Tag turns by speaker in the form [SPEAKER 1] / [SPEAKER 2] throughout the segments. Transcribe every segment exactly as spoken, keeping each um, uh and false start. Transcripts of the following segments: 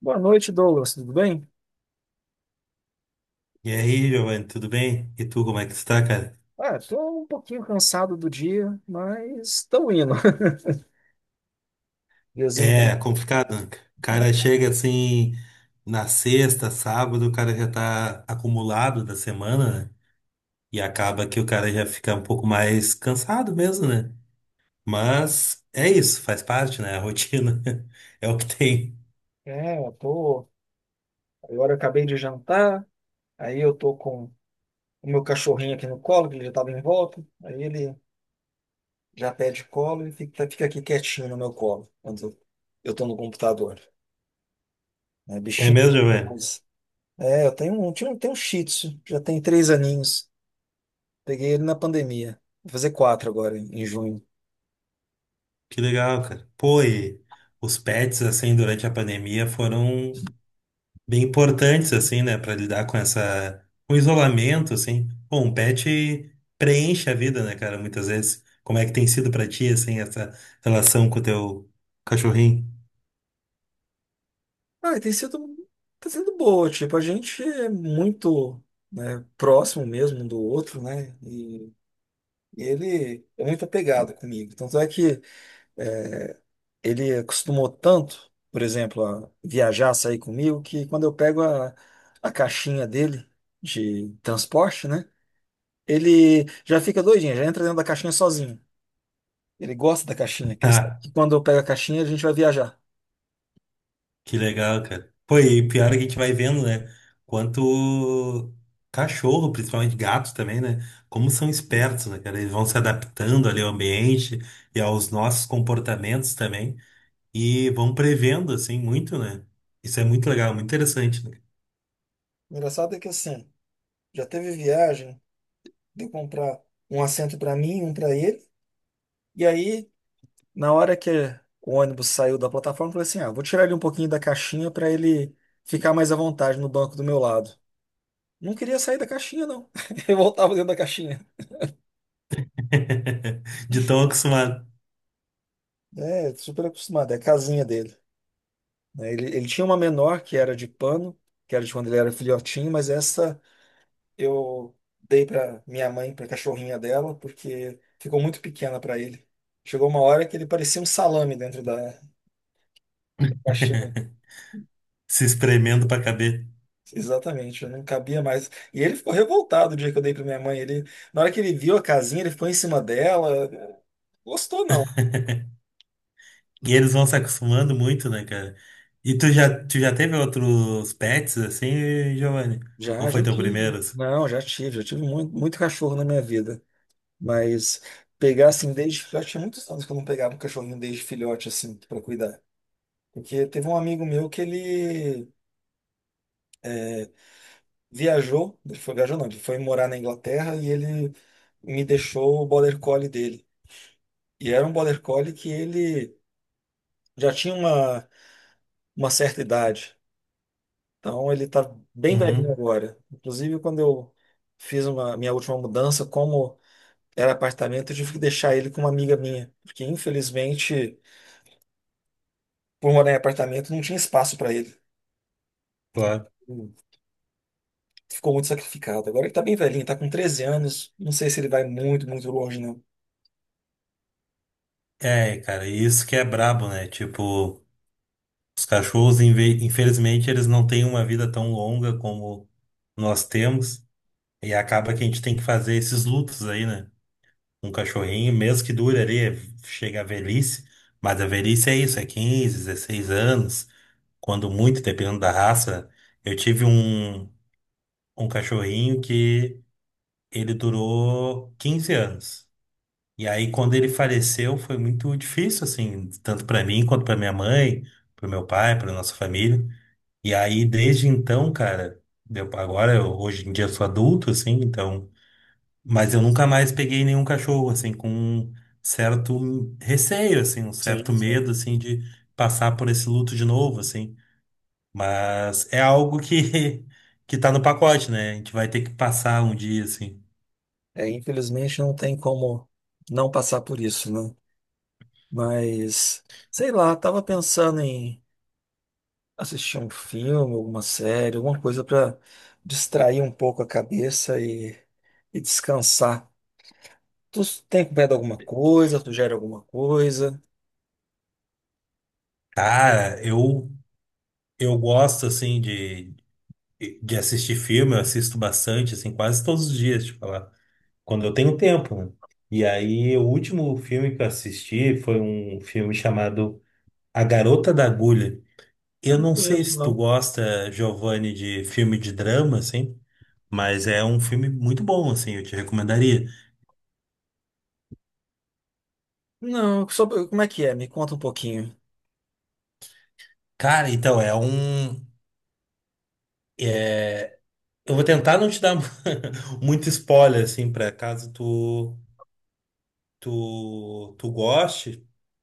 [SPEAKER 1] Boa noite, Douglas. Tudo bem?
[SPEAKER 2] E aí, Giovanni, tudo bem? E tu, como é que tu tá, cara?
[SPEAKER 1] Ah, tô um pouquinho cansado do dia, mas estou indo. Diazinho,
[SPEAKER 2] É complicado, né? O cara chega assim na sexta, sábado, o cara já tá acumulado da semana, né? E acaba que o cara já fica um pouco mais cansado mesmo, né? Mas é isso, faz parte, né? A rotina é o que tem.
[SPEAKER 1] né? É, eu tô. Agora eu acabei de jantar, aí eu tô com o meu cachorrinho aqui no colo, que ele já estava em volta. Aí ele já pede colo e fica, fica aqui quietinho no meu colo, quando eu tô no computador. É,
[SPEAKER 2] É
[SPEAKER 1] bichinho.
[SPEAKER 2] mesmo, Giovanni?
[SPEAKER 1] Mas- é, eu tenho um, tinha um- tenho um Shih Tzu, já tem três aninhos. Peguei ele na pandemia. Vou fazer quatro agora, em em junho.
[SPEAKER 2] Que legal, cara. Pô, e os pets, assim, durante a pandemia foram bem importantes, assim, né, para lidar com essa, com o isolamento, assim. Pô, um pet preenche a vida, né, cara, muitas vezes. Como é que tem sido pra ti, assim, essa relação com o teu cachorrinho?
[SPEAKER 1] Ah, tem sido, tá sendo boa, tipo, a gente é muito, né, próximo mesmo um do outro, né, e ele é muito apegado comigo, tanto é que é, ele acostumou tanto, por exemplo, a viajar, sair comigo, que quando eu pego a, a caixinha dele de transporte, né, ele já fica doidinho, já entra dentro da caixinha sozinho, ele gosta da caixinha, que ele sabe
[SPEAKER 2] Ah,
[SPEAKER 1] que quando eu pego a caixinha a gente vai viajar.
[SPEAKER 2] que legal, cara. Pô, e pior é que a gente vai vendo, né, quanto cachorro, principalmente gatos também, né, como são espertos, né, cara, eles vão se adaptando ali ao ambiente e aos nossos comportamentos também e vão prevendo, assim, muito, né. Isso é muito legal, muito interessante, né?
[SPEAKER 1] O engraçado é que assim, já teve viagem de comprar um assento para mim, um para ele. E aí, na hora que o ônibus saiu da plataforma, eu falei assim: ah, vou tirar ele um pouquinho da caixinha para ele ficar mais à vontade no banco do meu lado. Não queria sair da caixinha, não. Eu voltava dentro da caixinha.
[SPEAKER 2] De tão acostumado,
[SPEAKER 1] É, super acostumado, é a casinha dele. Né? Ele, ele tinha uma menor que era de pano, que era de quando ele era filhotinho, mas essa eu dei para minha mãe, para cachorrinha dela, porque ficou muito pequena para ele. Chegou uma hora que ele parecia um salame dentro da da caixinha.
[SPEAKER 2] se espremendo pra caber.
[SPEAKER 1] Exatamente, eu não cabia mais. E ele ficou revoltado o dia que eu dei pra minha mãe. Ele, na hora que ele viu a casinha, ele ficou em cima dela. Gostou, não.
[SPEAKER 2] E eles vão se acostumando muito, né, cara? E tu já, tu já teve outros pets assim, Giovanni? Ou
[SPEAKER 1] Já,
[SPEAKER 2] foi
[SPEAKER 1] já
[SPEAKER 2] teu
[SPEAKER 1] tive.
[SPEAKER 2] primeiro assim?
[SPEAKER 1] Não, já tive, já tive muito, muito cachorro na minha vida. Mas pegar assim desde filhote, tinha muitos anos que eu não pegava um cachorrinho desde filhote, assim, pra cuidar. Porque teve um amigo meu que ele viajou, ele foi viajou, não, ele foi morar na Inglaterra e ele me deixou o border collie dele. E era um border collie que ele já tinha uma, uma certa idade. Então ele tá bem velhinho
[SPEAKER 2] Uhum,
[SPEAKER 1] agora. Inclusive, quando eu fiz uma minha última mudança, como era apartamento, eu tive que deixar ele com uma amiga minha, porque infelizmente, por morar em apartamento, não tinha espaço para ele.
[SPEAKER 2] claro.
[SPEAKER 1] Hum, Ficou muito sacrificado. Agora ele tá bem velhinho, tá com treze anos, não sei se ele vai muito, muito longe, não.
[SPEAKER 2] É, cara, e isso que é brabo, né? Tipo, os cachorros, inve- infelizmente, eles não têm uma vida tão longa como nós temos. E acaba que a gente tem que fazer esses lutos aí, né? Um cachorrinho, mesmo que dure ali, chega a velhice, mas a velhice é isso, é quinze dezesseis anos, quando muito, dependendo da raça. Eu tive um, um cachorrinho que ele durou quinze anos. E aí, quando ele faleceu, foi muito difícil, assim, tanto para mim quanto para minha mãe, para meu pai, para nossa família. E aí, desde então, cara, deu, agora, eu, hoje em dia, eu sou adulto, assim, então. Mas eu nunca mais peguei nenhum cachorro, assim, com um certo receio, assim, um certo
[SPEAKER 1] Sim, sim.
[SPEAKER 2] medo, assim, de passar por esse luto de novo, assim. Mas é algo que, que tá no pacote, né? A gente vai ter que passar um dia, assim.
[SPEAKER 1] É, infelizmente não tem como não passar por isso, né? Mas sei lá, tava pensando em assistir um filme, alguma série, alguma coisa para distrair um pouco a cabeça e, e descansar. Tu tem acompanhado alguma coisa? Tu gera alguma coisa?
[SPEAKER 2] Cara, eu, eu gosto, assim, de, de assistir filme, eu assisto bastante, assim, quase todos os dias, tipo, lá, quando eu tenho tempo, né? E aí, o último filme que eu assisti foi um filme chamado A Garota da Agulha. Eu
[SPEAKER 1] Não
[SPEAKER 2] não sei
[SPEAKER 1] conheço,
[SPEAKER 2] se tu
[SPEAKER 1] não.
[SPEAKER 2] gosta, Giovanni, de filme de drama, assim, mas é um filme muito bom, assim, eu te recomendaria.
[SPEAKER 1] Não, sobre, como é que é? Me conta um pouquinho.
[SPEAKER 2] Cara, então, é um. é- eu vou tentar não te dar muito spoiler, assim, pra caso tu, tu, tu goste,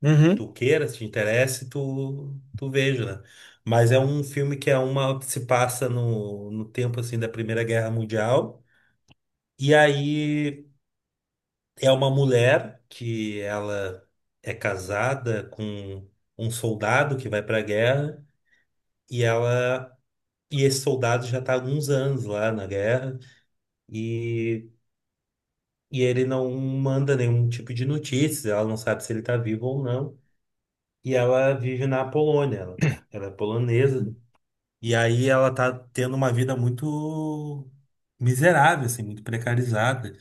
[SPEAKER 1] Uhum.
[SPEAKER 2] tu queira, se te interesse, tu, tu veja, né? Mas é um filme que é uma. Que se passa no, no tempo, assim, da Primeira Guerra Mundial. E aí. É uma mulher que ela é casada com um soldado que vai para a guerra e ela e esse soldado já está há alguns anos lá na guerra e, e ele não manda nenhum tipo de notícias, ela não sabe se ele está vivo ou não. E ela vive na Polônia, ela, ela é polonesa e aí ela está tendo uma vida muito miserável, assim, muito precarizada.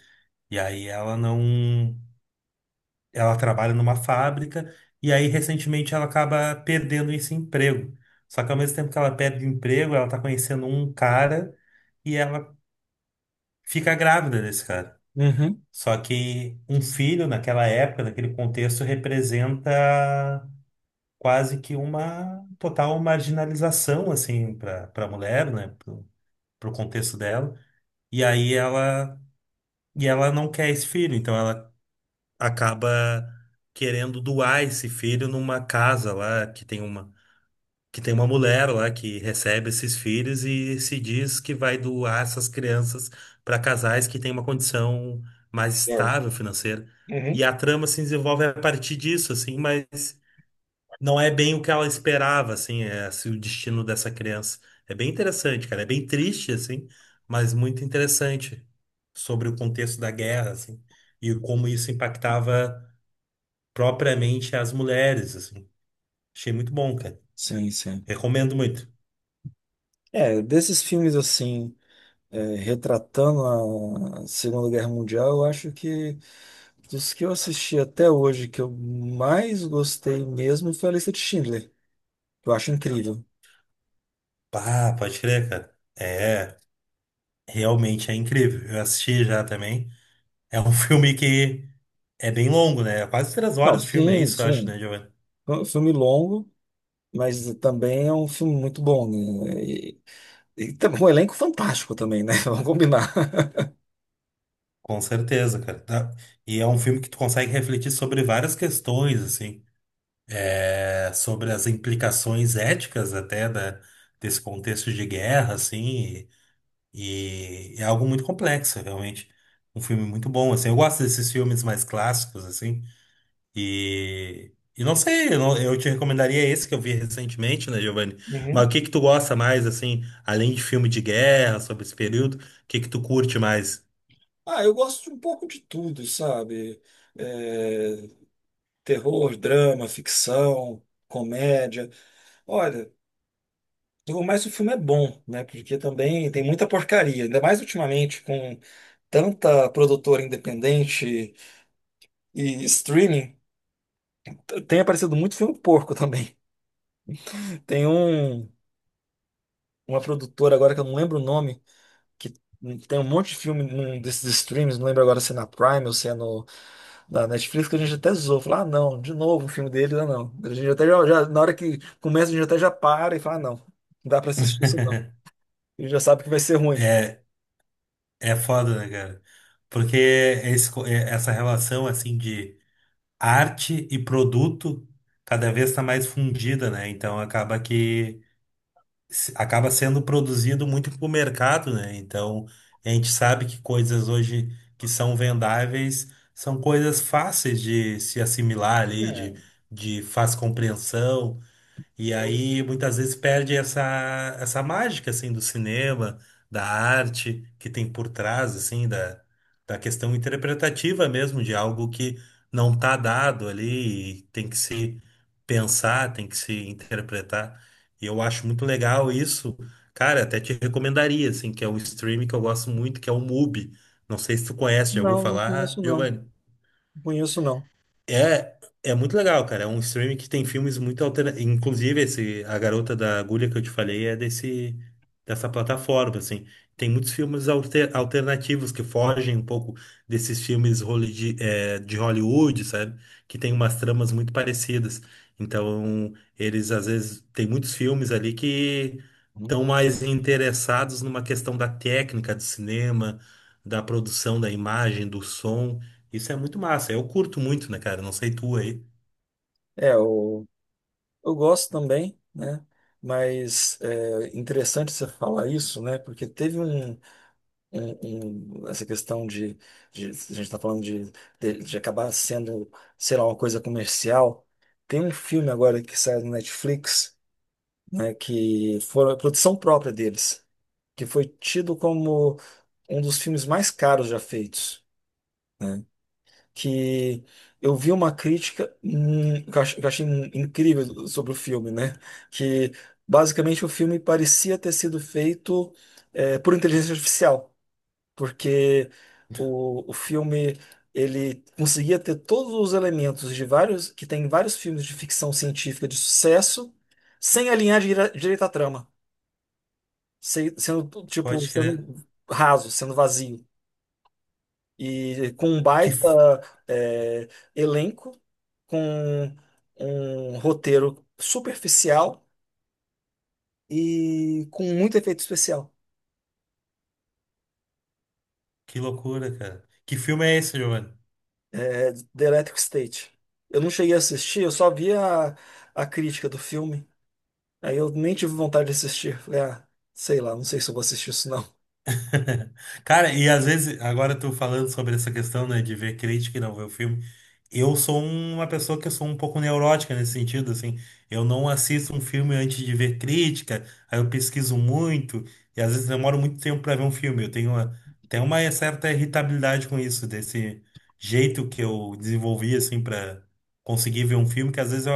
[SPEAKER 2] E aí ela não ela trabalha numa fábrica e aí recentemente ela acaba perdendo esse emprego. Só que ao mesmo tempo que ela perde o emprego, ela tá conhecendo um cara e ela fica grávida desse cara.
[SPEAKER 1] Uhum.
[SPEAKER 2] Só que um filho naquela época, naquele contexto, representa quase que uma total marginalização assim para para a mulher, né, pro, pro contexto dela. E aí ela e ela não quer esse filho, então ela acaba querendo doar esse filho numa casa lá que tem uma que tem uma mulher lá que recebe esses filhos e se diz que vai doar essas crianças para casais que têm uma condição mais
[SPEAKER 1] É.
[SPEAKER 2] estável financeira.
[SPEAKER 1] Uhum.
[SPEAKER 2] E a trama se desenvolve a partir disso, assim, mas não é bem o que ela esperava, assim, é, assim, o destino dessa criança. É bem interessante, cara. É bem triste, assim, mas muito interessante sobre o contexto da guerra, assim, e como isso impactava propriamente às mulheres, assim. Achei muito bom, cara.
[SPEAKER 1] Sim, sim.
[SPEAKER 2] Recomendo muito.
[SPEAKER 1] É, desses filmes assim, é, retratando a Segunda Guerra Mundial, eu acho que dos que eu assisti até hoje, que eu mais gostei mesmo foi a Lista de Schindler. Eu acho incrível.
[SPEAKER 2] Pá, pode crer, cara. É, realmente é incrível. Eu assisti já também. É um filme que é bem longo, né? É quase três
[SPEAKER 1] Não,
[SPEAKER 2] horas de filme, é
[SPEAKER 1] sim,
[SPEAKER 2] isso, eu acho,
[SPEAKER 1] sim.
[SPEAKER 2] né, Giovanni?
[SPEAKER 1] É um filme longo, mas também é um filme muito bom, né? E, e também um elenco fantástico também, né? Vamos combinar.
[SPEAKER 2] Com certeza, cara. Tá? E é um filme que tu consegue refletir sobre várias questões, assim, é, sobre as implicações éticas até da, desse contexto de guerra, assim. E é algo muito complexo, realmente. Um filme muito bom, assim. Eu gosto desses filmes mais clássicos, assim. E, e não sei, eu, não- eu te recomendaria esse que eu vi recentemente, né, Giovanni? Mas
[SPEAKER 1] Uhum.
[SPEAKER 2] o que que tu gosta mais, assim, além de filme de guerra, sobre esse período, o que que tu curte mais?
[SPEAKER 1] Ah, eu gosto de um pouco de tudo, sabe? É, terror, drama, ficção, comédia. Olha, o mais o filme é bom, né? Porque também tem muita porcaria, ainda mais ultimamente com tanta produtora independente e streaming, t- tem aparecido muito filme porco também. Tem um. Uma produtora agora que eu não lembro o nome, que tem um monte de filme num desses streams, não lembro agora se é na Prime ou se é no, na Netflix, que a gente até zoou, falou, ah, não, de novo um filme dele, ah, não. A gente até já, já- na hora que começa, a gente até já para e fala, ah, não, não dá pra assistir isso não. Ele já sabe que vai ser ruim.
[SPEAKER 2] É, é foda, né, cara? Porque é esse co- é- essa relação, assim, de arte e produto cada vez está mais fundida, né? Então acaba que se- acaba sendo produzido muito para o mercado, né? Então, a gente sabe que coisas hoje que são vendáveis são coisas fáceis de se assimilar ali,
[SPEAKER 1] É,
[SPEAKER 2] de, de fácil compreensão. E
[SPEAKER 1] eu-
[SPEAKER 2] aí muitas vezes perde essa, essa mágica assim do cinema, da arte que tem por trás assim da, da questão interpretativa mesmo de algo que não está dado ali e tem que se pensar, tem que se interpretar. E eu acho muito legal isso. Cara, até te recomendaria assim, que é um streaming que eu gosto muito, que é o Mubi. Não sei se tu conhece, já ouviu
[SPEAKER 1] não, não
[SPEAKER 2] falar,
[SPEAKER 1] conheço não,
[SPEAKER 2] Giovanni?
[SPEAKER 1] não conheço não.
[SPEAKER 2] É, é muito legal, cara. É um streaming que tem filmes muito alternativos. Inclusive, esse, A Garota da Agulha que eu te falei é desse, dessa plataforma, assim. Tem muitos filmes alter- alternativos que fogem um pouco desses filmes roli- de, eh, de Hollywood, sabe? Que tem umas tramas muito parecidas. Então, eles às vezes tem muitos filmes ali que
[SPEAKER 1] Uhum.
[SPEAKER 2] estão mais interessados numa questão da técnica do cinema, da produção da imagem, do som. Isso é muito massa. Eu curto muito, né, cara? Não sei tu aí.
[SPEAKER 1] É, eu, eu gosto também, né? Mas é interessante você falar isso, né? Porque teve um. Em- em essa questão de, de- a gente está falando de, de, de acabar sendo, sei lá, uma coisa comercial. Tem um filme agora que saiu no Netflix, né, que foi a produção própria deles, que foi tido como um dos filmes mais caros já feitos, né? Que eu vi uma crítica hum, que eu ach- que eu achei incrível sobre o filme, né? Que basicamente o filme parecia ter sido feito eh, por inteligência artificial porque o, o filme ele conseguia ter todos os elementos de vários que tem em vários filmes de ficção científica de sucesso sem alinhar dire- direito à trama, se- sendo
[SPEAKER 2] Pode
[SPEAKER 1] tipo
[SPEAKER 2] crer.
[SPEAKER 1] sendo raso, sendo vazio e com um
[SPEAKER 2] Que,
[SPEAKER 1] baita
[SPEAKER 2] f-
[SPEAKER 1] é, elenco, com um roteiro superficial e com muito efeito especial.
[SPEAKER 2] que loucura, cara. Que filme é esse, Giovanni?
[SPEAKER 1] É, The Electric State. Eu não cheguei a assistir, eu só vi a, a crítica do filme. Aí eu nem tive vontade de assistir. Falei, ah, sei lá, não sei se eu vou assistir isso não.
[SPEAKER 2] Cara, e às vezes, agora tu falando sobre essa questão, né, de ver crítica e não ver o filme, eu sou uma pessoa que eu sou um pouco neurótica nesse sentido, assim, eu não assisto um filme antes de ver crítica, aí eu pesquiso muito, e às vezes demoro muito tempo pra ver um filme, eu tenho uma, tenho uma certa irritabilidade com isso, desse jeito que eu desenvolvi, assim, pra conseguir ver um filme, que às vezes eu,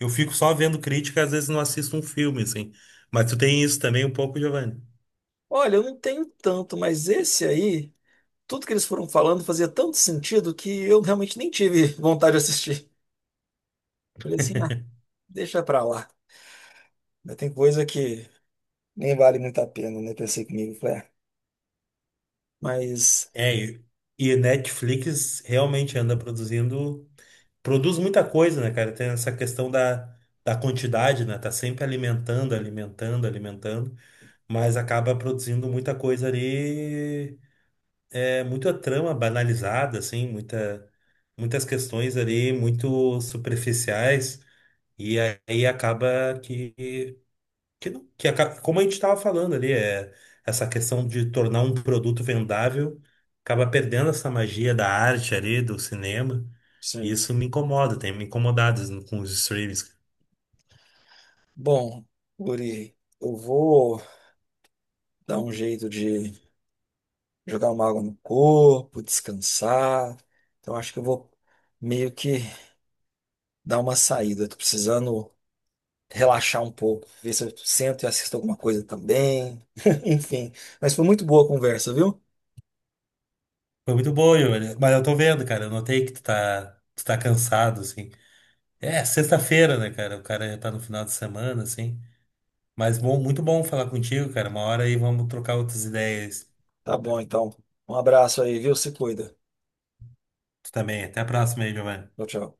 [SPEAKER 2] eu fico só vendo crítica, às vezes não assisto um filme, assim, mas tu tem isso também um pouco, Giovanni?
[SPEAKER 1] Olha, eu não tenho tanto, mas esse aí, tudo que eles foram falando fazia tanto sentido que eu realmente nem tive vontade de assistir. Falei assim, ah, deixa pra lá. Mas tem coisa que nem vale muito a pena, né? Pensei comigo, falei, ah, mas
[SPEAKER 2] É, e e Netflix realmente anda produzindo, produz muita coisa, né, cara? Tem essa questão da, da quantidade, né? Tá sempre alimentando, alimentando, alimentando, mas acaba produzindo muita coisa ali, é, muita trama banalizada, assim, muita, muitas questões ali muito superficiais, e aí acaba que que, não- que aca- como a gente estava falando ali, é, essa questão de tornar um produto vendável acaba perdendo essa magia da arte ali, do cinema. E
[SPEAKER 1] sim.
[SPEAKER 2] isso me incomoda, tem me incomodado com os streams.
[SPEAKER 1] Bom, Guri, eu vou dar um jeito de jogar uma água no corpo, descansar. Então acho que eu vou meio que dar uma saída. Tô precisando relaxar um pouco, ver se eu sento e assisto alguma coisa também. Enfim, mas foi muito boa a conversa, viu?
[SPEAKER 2] Foi muito bom, Yuri, mas eu tô vendo, cara, eu notei que tu tá, tu tá cansado, assim. É, sexta-feira, né, cara? O cara já tá no final de semana, assim. Mas bom, muito bom falar contigo, cara. Uma hora aí vamos trocar outras ideias.
[SPEAKER 1] Tá bom, então. Um abraço aí, viu? Se cuida.
[SPEAKER 2] Tu também. Até a próxima aí, Giovanni.
[SPEAKER 1] Tchau, tchau.